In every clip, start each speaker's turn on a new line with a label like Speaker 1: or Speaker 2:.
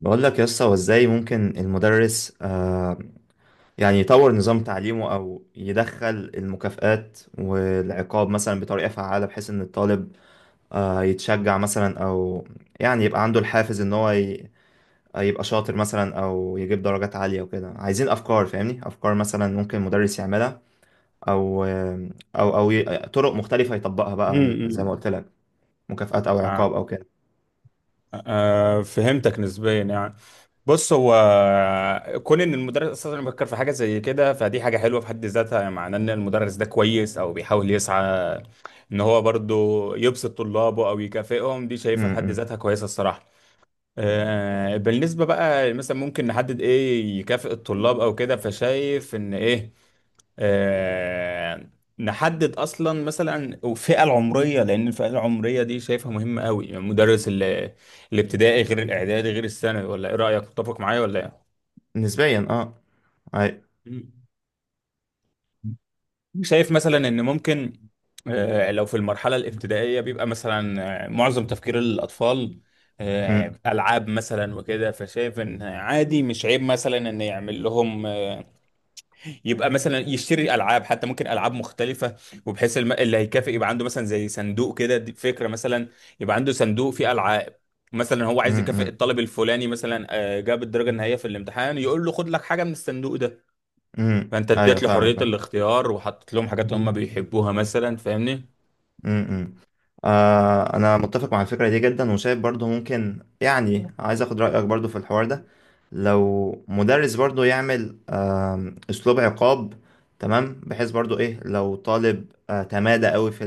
Speaker 1: بقول لك يا اسطى، هو ازاي ممكن المدرس يعني يطور نظام تعليمه او يدخل المكافآت والعقاب مثلا بطريقة فعالة، بحيث ان الطالب يتشجع مثلا، او يعني يبقى عنده الحافز ان هو يبقى شاطر مثلا او يجيب درجات عالية وكده. عايزين افكار، فاهمني؟ افكار مثلا ممكن المدرس يعملها، او آه، او او ي- طرق مختلفة يطبقها بقى زي ما
Speaker 2: امم
Speaker 1: قلت لك، مكافآت او
Speaker 2: آه.
Speaker 1: عقاب او كده.
Speaker 2: آه. فهمتك نسبيا يعني. بص هو كون ان المدرس اساسا بيفكر في حاجه زي كده، فدي حاجه حلوه في حد ذاتها، يعني معناه ان المدرس ده كويس او بيحاول يسعى ان هو برضو يبسط طلابه او يكافئهم. دي
Speaker 1: م-
Speaker 2: شايفها في حد
Speaker 1: م.
Speaker 2: ذاتها كويسه الصراحه. آه. بالنسبه بقى مثلا ممكن نحدد ايه يكافئ الطلاب او كده، فشايف ان ايه آه، نحدد اصلا مثلا الفئه العمريه، لان الفئه العمريه دي شايفها مهمه قوي، يعني مدرس الابتدائي غير الاعدادي غير الثانوي، ولا ايه رايك؟ تتفق معايا ولا ايه؟
Speaker 1: نسبيا اه. أي-
Speaker 2: مم. شايف مثلا ان ممكن لو في المرحله الابتدائيه بيبقى مثلا معظم تفكير الاطفال
Speaker 1: م-
Speaker 2: العاب مثلا وكده، فشايف ان عادي مش عيب مثلا ان يعمل لهم، يبقى مثلا يشتري العاب، حتى ممكن العاب مختلفه، وبحيث اللي هيكافئ يبقى عنده مثلا زي صندوق كده، دي فكره مثلا، يبقى عنده صندوق فيه العاب. مثلا هو
Speaker 1: م-
Speaker 2: عايز يكافئ
Speaker 1: م.
Speaker 2: الطالب الفلاني، مثلا جاب الدرجه النهائيه في الامتحان، يقول له خد لك حاجه من الصندوق ده. فانت
Speaker 1: ايوه
Speaker 2: اديت له حريه
Speaker 1: فاهمك.
Speaker 2: الاختيار، وحطيت لهم حاجات هم بيحبوها مثلا، فاهمني.
Speaker 1: امم امم. انا متفق مع الفكره دي جدا، وشايف برضو ممكن، يعني عايز اخد رايك برضو في الحوار ده. لو مدرس برضو يعمل اسلوب عقاب، تمام، بحيث برضو ايه، لو طالب تمادى قوي في،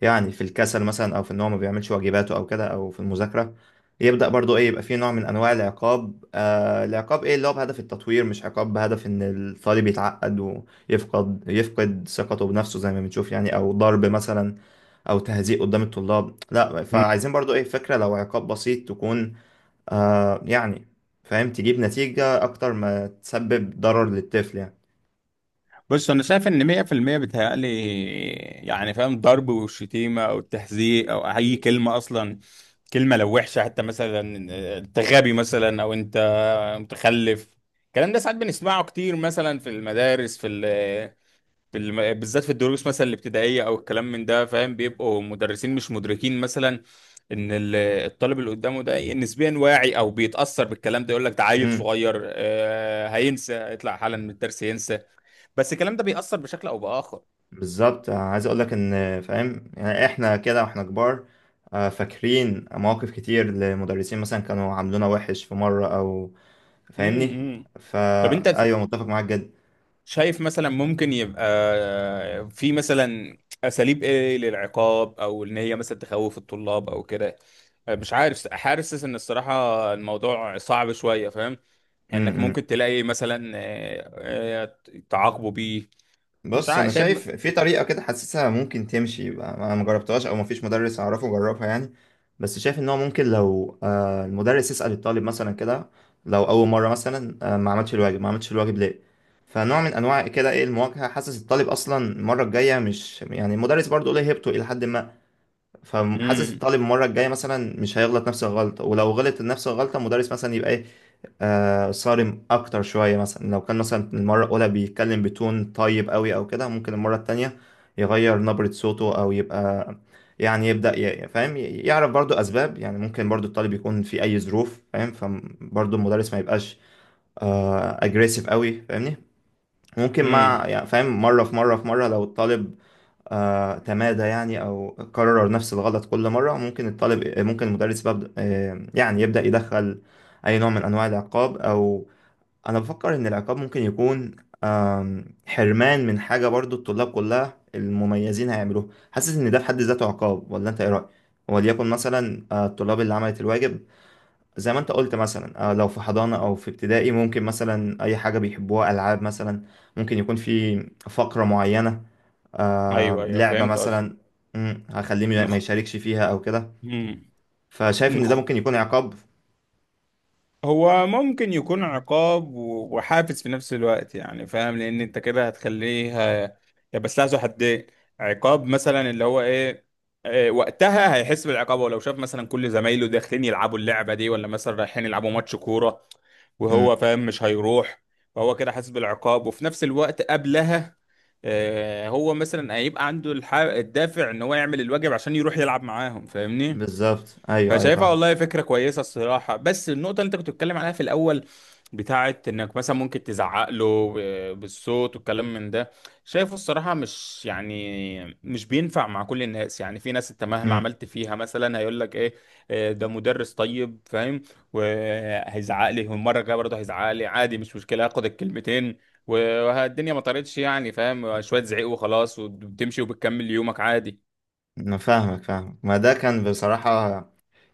Speaker 1: يعني في الكسل مثلا، او في ان هو ما بيعملش واجباته او كده، او في المذاكره، يبدا برضو ايه، يبقى فيه نوع من انواع العقاب، ايه، اللي هو بهدف التطوير، مش عقاب بهدف ان الطالب يتعقد ويفقد ثقته بنفسه زي ما بنشوف يعني، او ضرب مثلا او تهزيء قدام الطلاب، لا.
Speaker 2: مم.
Speaker 1: فعايزين برضو ايه، فكره لو عقاب بسيط، تكون يعني فاهم، تجيب نتيجه اكتر ما تسبب ضرر للطفل.
Speaker 2: بص انا شايف ان 100% بيتهيألي، يعني فاهم، ضرب والشتيمه او التحذير او اي كلمه اصلا، كلمه لو وحشه حتى، مثلا انت غبي مثلا، او انت متخلف. الكلام ده ساعات بنسمعه كتير مثلا في المدارس، في ال في الم... بالذات في الدروس مثلا الابتدائيه او الكلام من ده، فاهم؟ بيبقوا مدرسين مش مدركين مثلا ان الطالب اللي قدامه ده نسبيا واعي او بيتاثر بالكلام ده. يقول لك ده عيل
Speaker 1: يعني
Speaker 2: صغير، هينسى، هيطلع حالا من الدرس ينسى، بس الكلام ده بيأثر بشكل او باخر.
Speaker 1: بالظبط. عايز اقول لك ان، فاهم، يعني احنا كده واحنا كبار فاكرين مواقف كتير لمدرسين مثلا كانوا عاملونا وحش في مرة او، فاهمني.
Speaker 2: امم. طب انت
Speaker 1: فا ايوه، متفق معاك جدا.
Speaker 2: شايف مثلا ممكن يبقى في مثلا اساليب ايه للعقاب، او ان هي مثلا تخوف الطلاب او كده؟ مش عارف، حاسس ان الصراحه الموضوع صعب شويه، فاهم انك
Speaker 1: م.
Speaker 2: ممكن تلاقي مثلا آه، تعاقبوا بيه؟ مش
Speaker 1: بص
Speaker 2: عارف،
Speaker 1: انا
Speaker 2: شايف؟
Speaker 1: شايف في طريقه كده حاسسها ممكن تمشي بقى. انا ما جربتهاش او ما فيش مدرس اعرفه جربها، يعني بس شايف ان هو ممكن لو المدرس يسال الطالب مثلا كده لو اول مره مثلا ما عملش الواجب ليه. فنوع من انواع كده، ايه، المواجهه، حاسس الطالب اصلا المره الجايه مش، يعني، المدرس برضه ليه هيبته الى حد ما، فحاسس
Speaker 2: امم.
Speaker 1: الطالب المره الجايه مثلا مش هيغلط نفس الغلطه. ولو غلط نفس الغلطه، المدرس مثلا يبقى ايه، صارم اكتر شويه مثلا. لو كان مثلا المره الاولى بيتكلم بتون طيب قوي او كده، ممكن المره التانية يغير نبره صوته، او يبقى يعني يبدا فاهم يعرف برضو اسباب. يعني ممكن برضو الطالب يكون في اي ظروف، فاهم، فبرضو المدرس ما يبقاش اجريسيف قوي، فاهمني. ممكن مع،
Speaker 2: امم.
Speaker 1: يعني فاهم، مره في مره في مره، لو الطالب تمادى يعني او كرر نفس الغلط كل مره، ممكن الطالب ممكن المدرس ببدأ آه يعني يبدا يدخل اي نوع من انواع العقاب. او انا بفكر ان العقاب ممكن يكون حرمان من حاجة برضو الطلاب كلها المميزين هيعملوها. حاسس ان ده في حد ذاته عقاب، ولا انت ايه رأيك؟ وليكن مثلا الطلاب اللي عملت الواجب، زي ما انت قلت مثلا، لو في حضانة او في ابتدائي، ممكن مثلا اي حاجة بيحبوها، العاب مثلا، ممكن يكون في فقرة معينة،
Speaker 2: ايوه ايوه،
Speaker 1: لعبة
Speaker 2: فهمت قصدي.
Speaker 1: مثلا. هخليه ما
Speaker 2: نخ...
Speaker 1: يشاركش فيها او كده.
Speaker 2: مم.
Speaker 1: فشايف ان ده
Speaker 2: نخ...
Speaker 1: ممكن يكون عقاب.
Speaker 2: هو ممكن يكون عقاب وحافز في نفس الوقت، يعني فاهم، لان انت كده هتخليه ه- يا، بس لها حدين. عقاب مثلا اللي هو ايه؟ إيه، وقتها هيحس بالعقاب، ولو شاف مثلا كل زمايله داخلين يلعبوا اللعبة دي، ولا مثلا رايحين يلعبوا ماتش كورة
Speaker 1: مم،
Speaker 2: وهو فاهم مش هيروح. فهو كده حاسس بالعقاب، وفي نفس الوقت قبلها هو مثلا هيبقى عنده الدافع ان هو يعمل الواجب عشان يروح يلعب معاهم، فاهمني.
Speaker 1: بالظبط، ايوه ايوه
Speaker 2: فشايفها
Speaker 1: فاهم.
Speaker 2: والله فكرة كويسة الصراحة. بس النقطة اللي انت كنت بتتكلم عليها في الأول، بتاعت انك مثلا ممكن تزعق له بالصوت والكلام من ده، شايفه الصراحة مش، يعني مش بينفع مع كل الناس. يعني في ناس انت مهما عملت فيها مثلا هيقول لك ايه ده مدرس طيب، فاهم؟ وهيزعق لي، والمرة الجاية برضه هيزعق لي عادي، مش مشكلة، هاخد الكلمتين والدنيا ما طارتش، يعني فاهم، شوية زعيق وخلاص، وبتمشي وبتكمل يومك عادي.
Speaker 1: انا فاهمك فاهمك، ما ده كان بصراحة،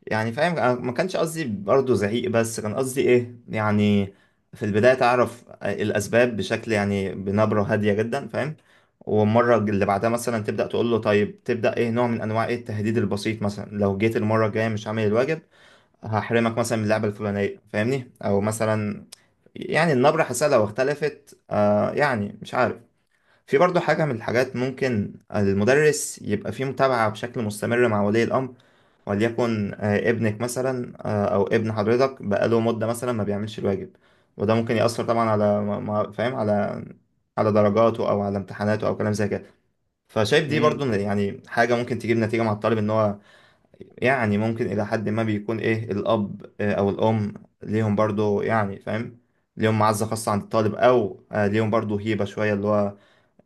Speaker 1: يعني فاهم، أنا ما كانش قصدي برضه زعيق، بس كان قصدي ايه، يعني في البداية تعرف الاسباب بشكل، يعني بنبرة هادية جدا، فاهم. والمرة اللي بعدها مثلا تبدأ تقول له، طيب تبدأ ايه، نوع من انواع ايه، التهديد البسيط. مثلا لو جيت المرة الجاية مش عامل الواجب هحرمك مثلا من اللعبة الفلانية، فاهمني، او مثلا يعني النبرة حاسة لو اختلفت يعني مش عارف. في برضه حاجة من الحاجات، ممكن المدرس يبقى فيه متابعة بشكل مستمر مع ولي الأمر. وليكن ابنك مثلا، أو ابن حضرتك، بقاله مدة مثلا ما بيعملش الواجب، وده ممكن يأثر طبعا على فاهم، على على درجاته أو على امتحاناته أو كلام زي كده. فشايف دي برضه
Speaker 2: امم.
Speaker 1: من، يعني حاجة ممكن تجيب نتيجة مع الطالب إن هو، يعني ممكن إلى حد ما بيكون، إيه، الأب أو الأم ليهم برضه، يعني فاهم، ليهم معزة خاصة عند الطالب، أو ليهم برضه هيبة شوية، اللي هو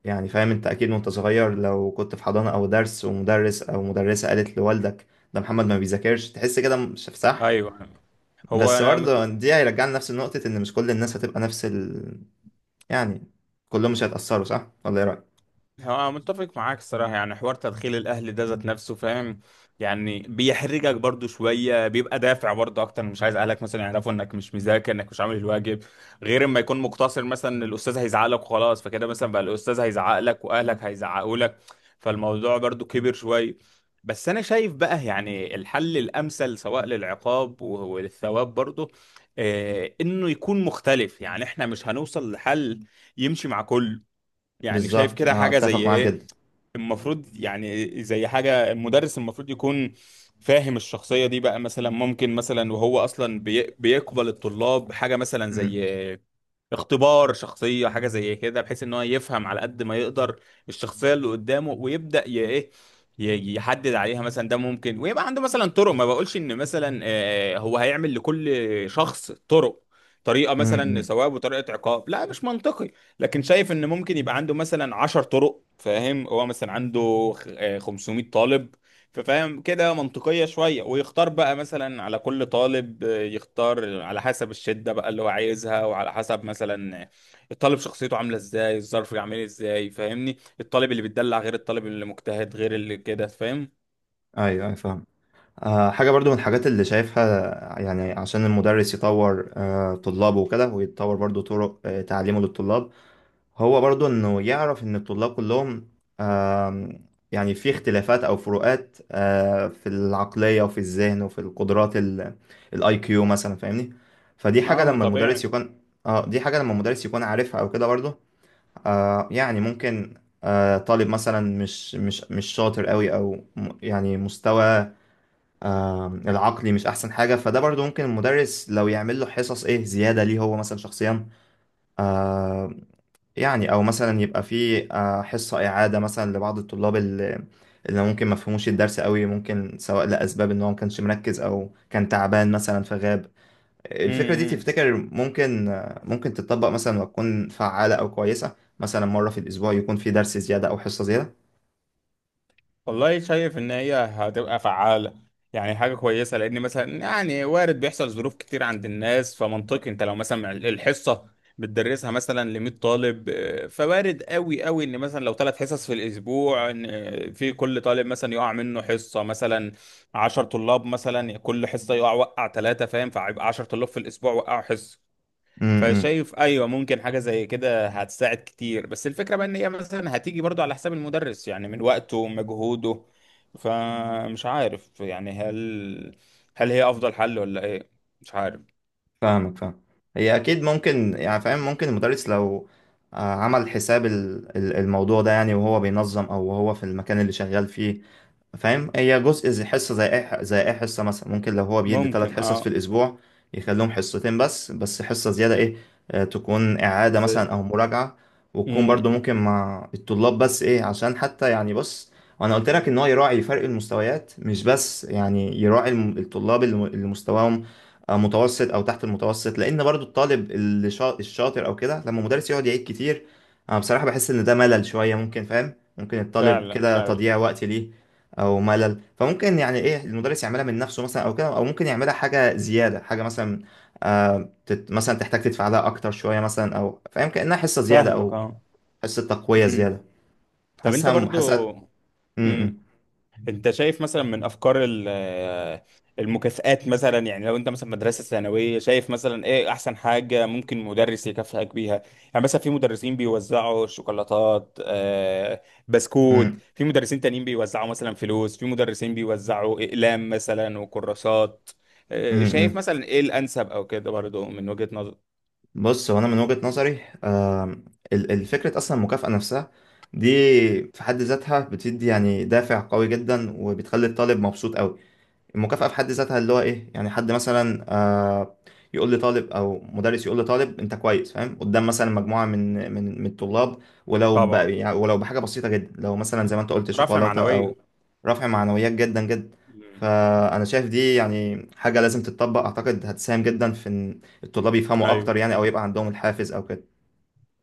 Speaker 1: يعني فاهم، انت اكيد وانت صغير لو كنت في حضانة او درس، ومدرس او مدرسة قالت لوالدك ده محمد ما بيذاكرش، تحس كده مش صح.
Speaker 2: ايوه. هو
Speaker 1: بس
Speaker 2: انا
Speaker 1: برضه دي هيرجعنا لنفس النقطة، ان مش كل الناس هتبقى نفس يعني كلهم مش هيتأثروا، صح ولا ايه رأيك؟
Speaker 2: هو متفق معاك الصراحة. يعني حوار تدخيل الأهل ده ذات نفسه، فاهم؟ يعني بيحرجك برضو شوية، بيبقى دافع برضو أكتر، مش عايز أهلك مثلا يعرفوا إنك مش مذاكر، إنك مش عامل الواجب. غير إما يكون مقتصر مثلا إن الأستاذ هيزعق لك وخلاص، فكده مثلا بقى الأستاذ هيزعق لك وأهلك هيزعقوا لك، فالموضوع برضو كبر شوية. بس أنا شايف بقى يعني الحل الأمثل، سواء للعقاب وللثواب برضو، إنه يكون مختلف. يعني إحنا مش هنوصل لحل يمشي مع كله. يعني شايف
Speaker 1: بالظبط،
Speaker 2: كده
Speaker 1: انا
Speaker 2: حاجة
Speaker 1: اتفق
Speaker 2: زي
Speaker 1: معاك
Speaker 2: ايه
Speaker 1: جدا.
Speaker 2: المفروض. يعني زي حاجة، المدرس المفروض يكون فاهم الشخصية. دي بقى مثلا ممكن مثلا، وهو اصلا بيقبل الطلاب حاجة مثلا
Speaker 1: امم
Speaker 2: زي اختبار شخصية، حاجة زي كده، بحيث ان هو يفهم على قد ما يقدر الشخصية اللي قدامه، ويبدأ يحدد عليها مثلا ده ممكن، ويبقى عنده مثلا طرق. ما بقولش ان مثلا هو هيعمل لكل شخص طرق، طريقة مثلا
Speaker 1: امم
Speaker 2: ثواب وطريقة عقاب، لا مش منطقي. لكن شايف ان ممكن يبقى عنده مثلا 10 طرق، فاهم؟ هو مثلا عنده 500 طالب. ففاهم كده منطقية شوية، ويختار بقى مثلا على كل طالب يختار على حسب الشدة بقى اللي هو عايزها، وعلى حسب مثلا الطالب شخصيته عاملة ازاي، الظرف عامل ازاي، فاهمني. الطالب اللي بيتدلع غير الطالب اللي مجتهد غير اللي كده، فاهم؟
Speaker 1: ايوه ايوه فاهم. حاجة برضو من الحاجات اللي شايفها، يعني عشان المدرس يطور طلابه وكده، ويتطور برضو طرق تعليمه للطلاب، هو برضو انه يعرف ان الطلاب كلهم، آم، يعني، في اختلافات او فروقات في العقلية وفي الذهن وفي القدرات، الاي كيو مثلا، فاهمني. فدي حاجة
Speaker 2: اه
Speaker 1: لما المدرس
Speaker 2: طبيعي.
Speaker 1: يكون، اه دي حاجة لما المدرس يكون عارفها او كده، برضو يعني ممكن طالب مثلا مش شاطر قوي، او يعني مستوى العقلي مش احسن حاجة، فده برضو ممكن المدرس لو يعمل له حصص ايه، زيادة ليه هو مثلا شخصيا، آه، يعني، او مثلا يبقى في حصة إعادة مثلا لبعض الطلاب اللي ممكن ما فهموش الدرس قوي، ممكن سواء لأسباب ان هو ما كانش مركز او كان تعبان مثلا فغاب. الفكرة دي
Speaker 2: امم.
Speaker 1: تفتكر ممكن ممكن تتطبق مثلا وتكون فعالة او كويسة، مثلا مرة في الأسبوع يكون في درس زيادة او حصة زيادة؟
Speaker 2: والله شايف ان هي هتبقى فعالة، يعني حاجة كويسة، لان مثلا، يعني وارد بيحصل ظروف كتير عند الناس. فمنطقي انت لو مثلا الحصة بتدرسها مثلا ل 100 طالب، فوارد قوي قوي ان مثلا لو 3 حصص في الاسبوع، ان في كل طالب مثلا يقع منه حصة. مثلا 10 طلاب مثلا كل حصة، وقع 3، فاهم؟ فهيبقى 10 طلاب في الاسبوع وقعوا حصة.
Speaker 1: امم،
Speaker 2: فشايف ايوه، ممكن حاجه زي كده هتساعد كتير. بس الفكره بقى ان هي مثلا هتيجي برضو على حساب المدرس، يعني من وقته ومجهوده. فمش عارف يعني هل هي افضل حل ولا ايه؟ مش عارف.
Speaker 1: فاهمك فاهم. هي اكيد ممكن، يعني فاهم، ممكن المدرس لو عمل حساب الموضوع ده، يعني وهو بينظم او وهو في المكان اللي شغال فيه. فاهم، هي جزء زي حصة، زي اي زي اي حصة مثلا، ممكن لو هو بيدي ثلاث
Speaker 2: ممكن
Speaker 1: حصص في
Speaker 2: اه.
Speaker 1: الأسبوع يخليهم حصتين بس حصة زيادة، ايه، تكون إعادة
Speaker 2: زي.
Speaker 1: مثلا أو مراجعة، وتكون
Speaker 2: امم.
Speaker 1: برضو ممكن مع الطلاب، بس ايه عشان، حتى يعني، بص، وأنا قلت لك إن هو يراعي فرق المستويات، مش بس يعني يراعي الطلاب اللي مستواهم متوسط أو تحت المتوسط. لأن برضو الطالب اللي الشاطر أو كده، لما المدرس يقعد يعيد كتير، أنا بصراحة بحس إن ده ملل شوية. ممكن فاهم، ممكن الطالب
Speaker 2: فعلا
Speaker 1: كده
Speaker 2: فعلا.
Speaker 1: تضييع وقت ليه، او ملل. فممكن يعني ايه، المدرس يعملها من نفسه مثلا او كده، او ممكن يعملها حاجه زياده، حاجه مثلا آه تت مثلا تحتاج تدفع لها اكتر شويه مثلا، او فاهم كانها حصه زياده،
Speaker 2: فاهمك
Speaker 1: او
Speaker 2: اه.
Speaker 1: حصه تقويه
Speaker 2: امم.
Speaker 1: زياده.
Speaker 2: طب انت
Speaker 1: حاسسها
Speaker 2: برضو.
Speaker 1: حاسسها. م- م-
Speaker 2: امم. انت شايف مثلا من افكار المكافآت مثلا؟ يعني لو انت مثلا مدرسة ثانوية، شايف مثلا ايه احسن حاجة ممكن مدرس يكافئك بيها؟ يعني مثلا في مدرسين بيوزعوا شوكولاتات، بسكوت،
Speaker 1: م-
Speaker 2: في مدرسين تانيين بيوزعوا مثلا فلوس، في مدرسين بيوزعوا اقلام مثلا وكراسات. شايف
Speaker 1: م.
Speaker 2: مثلا ايه الانسب او كده برضه من وجهة نظر؟
Speaker 1: بص هو انا من وجهه نظري، الفكره اصلا، المكافاه نفسها دي في حد ذاتها بتدي يعني دافع قوي جدا، وبتخلي الطالب مبسوط قوي. المكافأة في حد ذاتها اللي هو، ايه، يعني حد مثلا يقول لطالب، او مدرس يقول لطالب انت كويس، فاهم، قدام مثلا مجموعة من الطلاب، ولو
Speaker 2: طبعا.
Speaker 1: يعني ولو بحاجة بسيطة جدا، لو مثلا زي ما انت قلت
Speaker 2: رفع
Speaker 1: شوكولاتة او
Speaker 2: معنوية.
Speaker 1: رفع معنويات، جدا جدا.
Speaker 2: مم.
Speaker 1: فانا شايف دي يعني حاجة لازم تتطبق، اعتقد هتساهم جدا في ان الطلاب يفهموا اكتر،
Speaker 2: ايوه.
Speaker 1: يعني او يبقى عندهم الحافز او كده.